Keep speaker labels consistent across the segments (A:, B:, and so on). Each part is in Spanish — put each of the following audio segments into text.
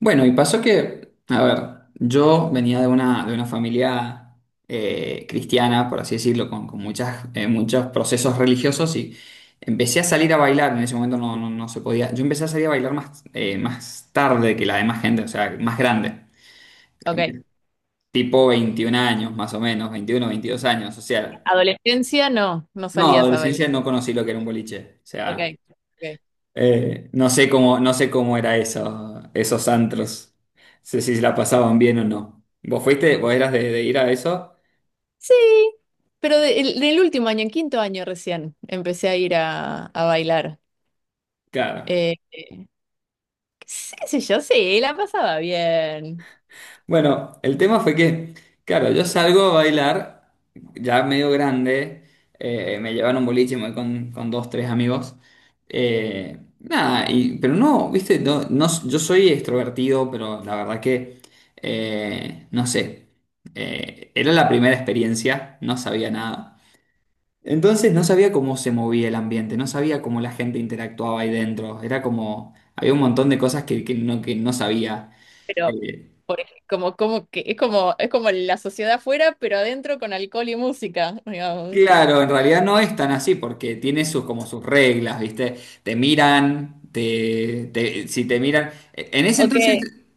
A: Bueno, y pasó que, a ver, yo venía de una familia cristiana, por así decirlo, con muchas, muchos procesos religiosos y empecé a salir a bailar, en ese momento no se podía, yo empecé a salir a bailar más, más tarde que la demás gente, o sea, más grande,
B: Ok.
A: tipo 21 años más o menos, 21, 22 años, o sea,
B: Adolescencia, no, no
A: no,
B: salías a bailar.
A: adolescencia no conocí lo que era un boliche, o
B: Ok.
A: sea...
B: Ok.
A: No sé cómo era eso, esos antros. Sé si la pasaban bien o no. ¿Vos fuiste? ¿Vos eras de ir a eso?
B: Sí, pero del último año, en quinto año recién, empecé a ir a bailar.
A: Claro.
B: Eh, sí, sí, yo sí, la pasaba bien.
A: Bueno, el tema fue que, claro, yo salgo a bailar, ya medio grande, me llevaron un boliche, me voy con dos, tres amigos. Nada, pero no, viste, yo soy extrovertido, pero la verdad que, no sé. Era la primera experiencia, no sabía nada. Entonces no sabía cómo se movía el ambiente, no sabía cómo la gente interactuaba ahí dentro. Era como, había un montón de cosas que no sabía.
B: Pero,
A: Eh,
B: como que es como la sociedad afuera, pero adentro con alcohol y música, digamos.
A: claro, en realidad no es tan así porque tiene sus, como sus reglas, ¿viste? Te miran, si te miran. En ese
B: Ok,
A: entonces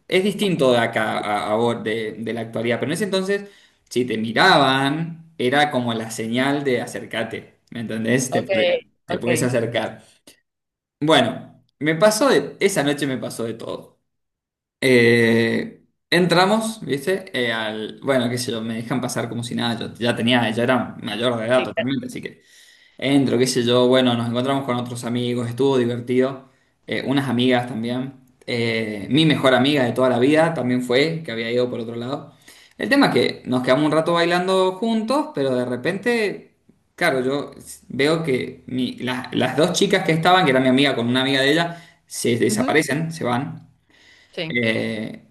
A: es distinto de acá a vos, de la actualidad, pero en ese entonces si te miraban era como la señal de acércate, ¿me entendés? Te,
B: ok,
A: te puedes
B: ok.
A: acercar. Bueno, esa noche me pasó de todo. Entramos, ¿viste? Bueno, qué sé yo, me dejan pasar como si nada, yo ya tenía, ya era mayor de edad
B: Sí, claro.
A: totalmente, así que entro, qué sé yo, bueno, nos encontramos con otros amigos, estuvo divertido, unas amigas también. Mi mejor amiga de toda la vida también fue, que había ido por otro lado. El tema es que nos quedamos un rato bailando juntos, pero de repente, claro, yo veo que las dos chicas que estaban, que era mi amiga con una amiga de ella, se
B: Ujú,
A: desaparecen, se van.
B: sí.
A: Eh,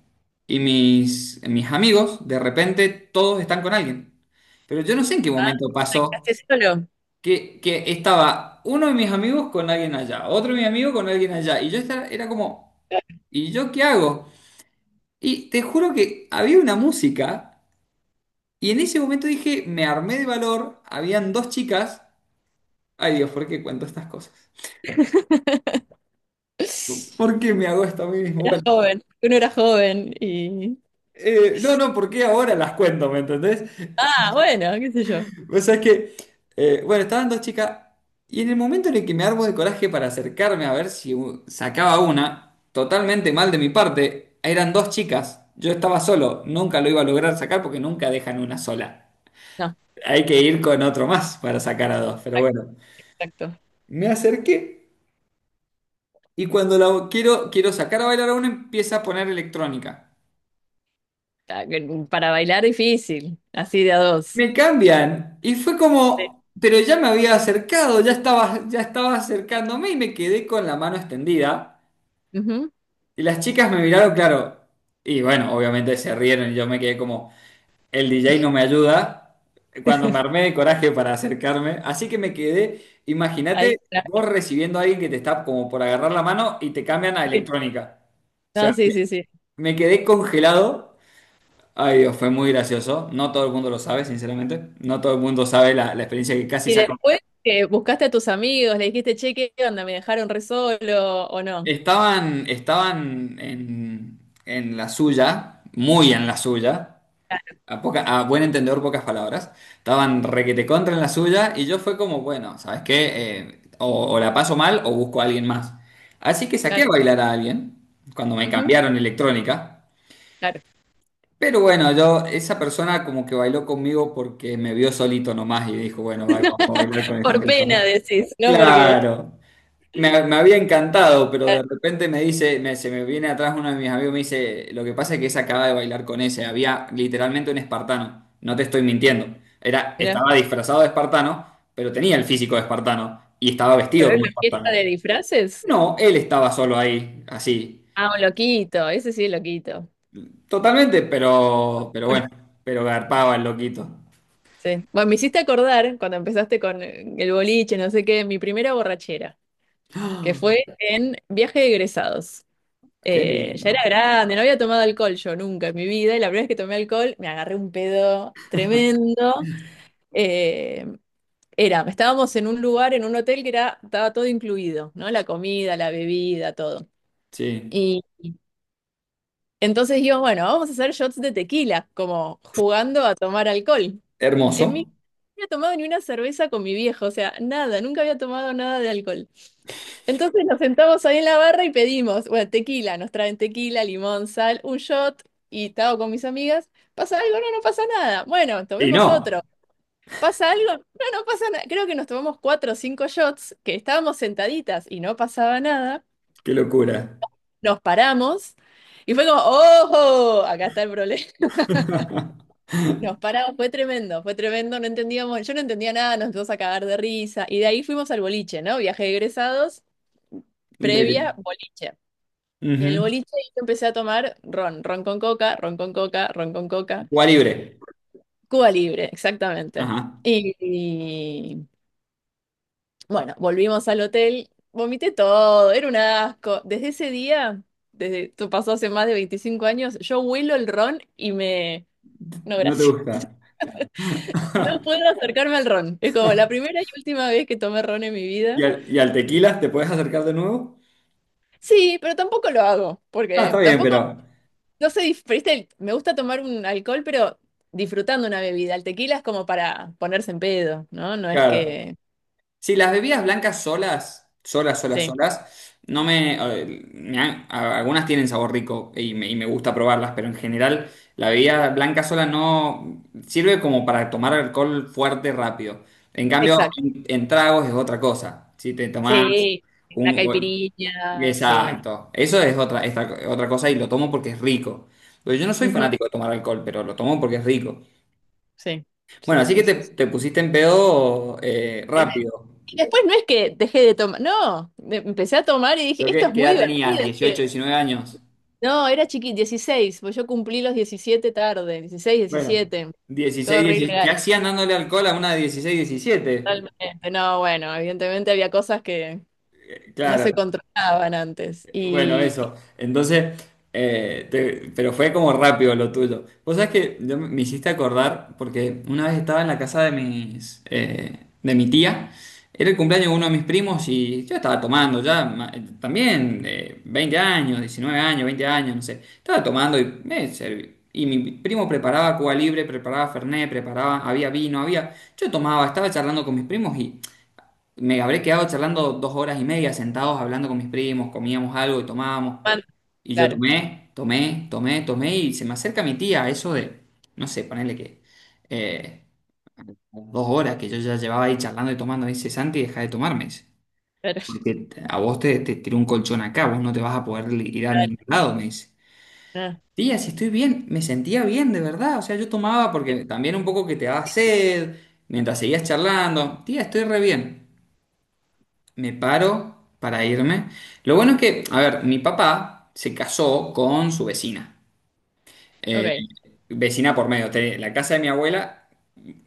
A: y mis amigos, de repente, todos están con alguien. Pero yo no sé en qué
B: Ah,
A: momento pasó
B: ¿practicaste solo?
A: que estaba uno de mis amigos con alguien allá, otro de mis amigos con alguien allá, y era como, ¿y yo qué hago? Y te juro que había una música, y en ese momento dije, me armé de valor, habían dos chicas, ay Dios, ¿por qué cuento estas cosas? ¿Por qué me hago esto a mí mismo? Bueno,
B: Joven, uno era joven y.
A: no, no, ¿por qué ahora las cuento, me entendés?
B: Ah, bueno, qué sé yo.
A: Vos es que, bueno, estaban dos chicas y en el momento en el que me armo de coraje para acercarme a ver si sacaba una, totalmente mal de mi parte, eran dos chicas, yo estaba solo, nunca lo iba a lograr sacar porque nunca dejan una sola.
B: No,
A: Hay que ir con otro más para sacar a dos, pero bueno.
B: exacto.
A: Me acerqué y cuando la quiero sacar a bailar a una empieza a poner electrónica.
B: Ah, que para bailar difícil, así de a dos.
A: Me cambian y fue
B: Sí.
A: como, pero ya me había acercado, ya estaba acercándome y me quedé con la mano extendida.
B: Ujú.
A: Y las chicas me miraron, claro. Y bueno, obviamente se rieron y yo me quedé como, el DJ no me ayuda. Cuando me armé de coraje para acercarme. Así que me quedé, imagínate
B: Ahí, claro.
A: vos recibiendo a alguien que te está como por agarrar la mano y te cambian a electrónica. O sea,
B: No, sí,
A: me,
B: sí, sí.
A: me quedé congelado. Ay Dios, fue muy gracioso. No todo el mundo lo sabe, sinceramente. No todo el mundo sabe la experiencia que casi
B: Y
A: sacó.
B: después que buscaste a tus amigos, le dijiste, che, ¿qué onda? ¿Me dejaron re solo o no?
A: Estaban en la suya, muy en la suya. A buen entendedor, pocas palabras. Estaban requete contra en la suya y yo fue como, bueno, ¿sabes qué? O la paso mal o busco a alguien más. Así que saqué a
B: Claro.
A: bailar a alguien cuando me
B: Ujú,
A: cambiaron electrónica.
B: claro.
A: Pero bueno, yo, esa persona como que bailó conmigo porque me vio solito nomás y dijo, bueno, va, vamos a bailar con esta
B: Por pena
A: persona.
B: decís, ¿no? Porque,
A: Claro. Me había encantado, pero de repente me dice, se me viene atrás uno de mis amigos, me dice, lo que pasa es que esa acaba de bailar con ese, había literalmente un espartano, no te estoy mintiendo, era,
B: mirá,
A: estaba disfrazado de espartano, pero tenía el físico de espartano y estaba vestido
B: pero es
A: como
B: una fiesta
A: espartano.
B: de disfraces.
A: No, él estaba solo ahí, así,
B: Ah, un loquito, ese sí es loquito.
A: totalmente, pero bueno, pero garpaba el loquito.
B: Sí. Bueno, me hiciste acordar cuando empezaste con el boliche, no sé qué, mi primera borrachera. Que fue en viaje de egresados.
A: Qué
B: Ya era
A: lindo.
B: grande, no había tomado alcohol yo nunca en mi vida, y la primera vez que tomé alcohol me agarré un pedo tremendo. Eh, estábamos en un lugar, en un hotel que era, estaba todo incluido, ¿no? La comida, la bebida, todo.
A: Sí.
B: Y entonces dijimos, bueno, vamos a hacer shots de tequila, como jugando a tomar alcohol. En mi no
A: Hermoso.
B: había tomado ni una cerveza con mi viejo, o sea, nada, nunca había tomado nada de alcohol. Entonces nos sentamos ahí en la barra y pedimos, bueno, tequila, nos traen tequila, limón, sal, un shot y estaba con mis amigas. ¿Pasa algo? No, no pasa nada. Bueno,
A: Y
B: tomemos otro.
A: no,
B: ¿Pasa algo? No, no pasa nada. Creo que nos tomamos cuatro o cinco shots, que estábamos sentaditas y no pasaba nada.
A: qué locura.
B: Nos paramos y fue como, ¡ojo! Acá está el problema. Nos paramos, fue tremendo, no entendíamos, yo no entendía nada, nos empezamos a cagar de risa. Y de ahí fuimos al boliche, ¿no? Viaje de egresados,
A: De-
B: previa, boliche. Y en el
A: Ujú.
B: boliche yo empecé a tomar ron, ron con coca, ron con coca, ron con coca,
A: Cuba libre.
B: Cuba Libre, exactamente.
A: Ajá,
B: Y, y, bueno, volvimos al hotel, vomité todo, era un asco. Desde ese día, desde esto pasó hace más de 25 años, yo huelo el ron y me... No,
A: no te
B: gracias.
A: gusta.
B: No puedo acercarme al ron. Es como la primera y última vez que tomé ron en mi
A: ¿Y
B: vida.
A: al, y al tequila te puedes acercar de nuevo?
B: Sí, pero tampoco lo hago,
A: Ah, está
B: porque
A: bien, pero
B: tampoco no sé, dif- pero este, me gusta tomar un alcohol, pero disfrutando una bebida. El tequila es como para ponerse en pedo, ¿no? No es
A: claro.
B: que...
A: Si las bebidas blancas solas, solas, solas,
B: Sí,
A: solas, no me, me han- a- algunas tienen sabor rico y y me gusta probarlas, pero en general la bebida blanca sola no sirve como para tomar alcohol fuerte rápido. En cambio,
B: exacto.
A: en tragos es otra cosa. Si te tomás
B: Sí, la
A: un...
B: caipirinha, sí.
A: Exacto. Eso es otra, otra cosa y lo tomo porque es rico. Pues yo no soy
B: Ujú,
A: fanático de tomar alcohol, pero lo tomo porque es rico.
B: sí,
A: Bueno,
B: sí,
A: así que
B: sí,
A: te,
B: sí, sí.
A: te pusiste en pedo,
B: Tremendo.
A: rápido.
B: Y después no es que dejé de tomar, no, empecé a tomar y
A: Creo
B: dije, esto
A: que,
B: es
A: ¿qué
B: muy
A: edad tenías?
B: divertido.
A: dieciocho,
B: Dije,
A: diecinueve años?
B: no, era chiquito, 16, pues yo cumplí los 17 tarde, 16,
A: Bueno,
B: 17, todo
A: 16,
B: re
A: 17. ¿Qué
B: ilegal,
A: hacían dándole alcohol a una de 16, 17?
B: totalmente. No, bueno, evidentemente había cosas que, no
A: Claro.
B: se controlaban antes.
A: Bueno,
B: Y,
A: eso.
B: y-
A: Entonces, pero fue como rápido lo tuyo. Vos sabés que yo me hiciste acordar, porque una vez estaba en la casa de mi tía, era el cumpleaños de uno de mis primos y yo estaba tomando ya, ma- también 20 años, 19 años, 20 años, no sé. Estaba tomando y me serví. Y mi primo preparaba Cuba Libre, preparaba Fernet, preparaba, había vino, había... Yo tomaba, estaba charlando con mis primos, me habré quedado charlando 2 horas y media sentados hablando con mis primos, comíamos algo y tomábamos. Y yo
B: claro, claro,
A: tomé, tomé, tomé, tomé y se me acerca mi tía, eso de, no sé, ponerle que eh, 2 horas que yo ya llevaba ahí charlando y tomando. Me dice, Santi, deja de tomarme. Dice, porque a vos te tiró un colchón acá, vos no te vas a poder ir a ningún
B: claro,
A: lado, me dice.
B: ah,
A: Tía, si estoy bien, me sentía bien, de verdad. O sea, yo tomaba porque también un poco que te daba sed, mientras seguías charlando. Tía, estoy re bien, me paro para irme. Lo bueno es que, a ver, mi papá se casó con su vecina. Eh,
B: ok,
A: Vecina por medio, tenía la casa de mi abuela,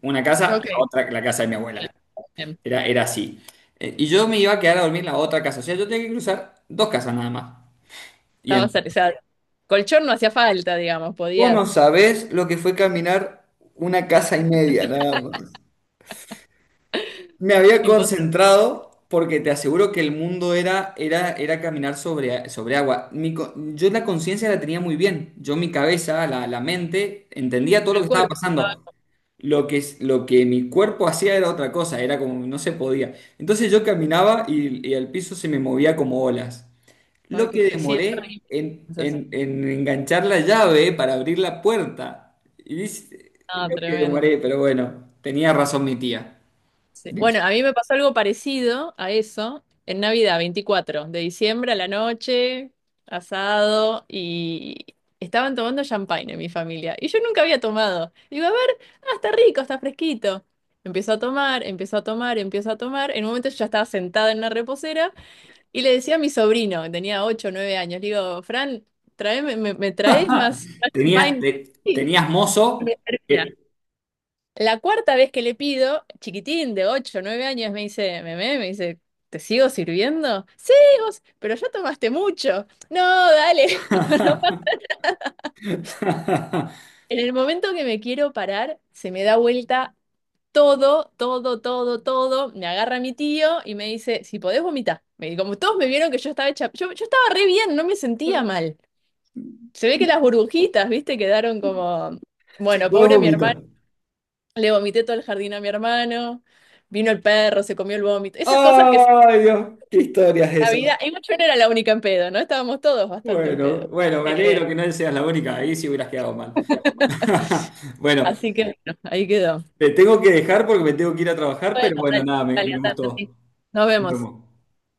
A: una casa, la
B: ok,
A: otra, la casa de mi abuela.
B: bien,
A: Era así. Y yo me iba a quedar a dormir en la otra casa. O sea, yo tenía que cruzar dos casas nada más. Y
B: estaba
A: en-
B: o sea, colchón no hacía falta, digamos,
A: Vos no
B: podías
A: sabés lo que fue caminar una casa y media, nada más. Me había
B: imponer
A: concentrado porque te aseguro que el mundo era caminar sobre agua. Yo la conciencia la tenía muy bien. Yo mi cabeza, la mente, entendía todo lo que
B: el
A: estaba
B: cuerpo.
A: pasando. Lo que mi cuerpo hacía era otra cosa, era como no se podía. Entonces yo caminaba y el piso se me movía como olas.
B: Ay,
A: Lo
B: qué
A: que
B: fe, sí, es
A: demoré
B: terrible.
A: en,
B: Entonces,
A: en- en enganchar la llave para abrir la puerta. Y dice,
B: ah,
A: lo que
B: tremendo.
A: demoré, pero bueno, tenía razón mi tía.
B: Sí. Bueno, a mí me pasó algo parecido a eso en Navidad, 24 de diciembre a la noche, asado, y estaban tomando champagne en mi familia. Y yo nunca había tomado. Digo, a ver, ah, está rico, está fresquito. Empiezo a tomar, empiezo a tomar, empiezo a tomar. En un momento yo ya estaba sentada en una reposera y le decía a mi sobrino, que tenía 8, o 9 años, le digo, Fran, me, me traes más, más
A: Tenías,
B: champagne?
A: te-
B: Sí,
A: tenías
B: me
A: mozo.
B: servía.
A: que-
B: La cuarta vez que le pido, chiquitín de 8, o 9 años, me dice, meme, me dice, ¿te sigo sirviendo? Sí, vos, pero ya tomaste mucho. No, dale. Digo, "No". En el momento que me quiero parar, se me da vuelta todo, todo, todo, todo. Me agarra mi tío y me dice, si podés vomitar. Como todos me vieron que yo estaba hecha, yo estaba re bien, no me sentía mal. Se ve que las burbujitas, viste, quedaron como,
A: Si
B: bueno,
A: podés
B: pobre mi
A: vomitar.
B: hermano. Le vomité todo el jardín a mi hermano, vino el perro, se comió el vómito, esas cosas que siempre
A: ¡Ay, Dios! ¡Qué historias
B: en la
A: esas!
B: vida, igual yo no era la única en pedo, ¿no? Estábamos todos bastante en
A: Bueno,
B: pedo.
A: bueno, me
B: Eh,
A: alegro que no seas la única. Ahí sí hubieras quedado mal. Bueno,
B: así que bueno, ahí quedó.
A: te tengo que dejar porque me tengo que ir a trabajar,
B: Bueno,
A: pero bueno,
B: dale,
A: nada, me,
B: dale,
A: me
B: andate,
A: gustó.
B: sí. Nos
A: Nos
B: vemos.
A: vemos.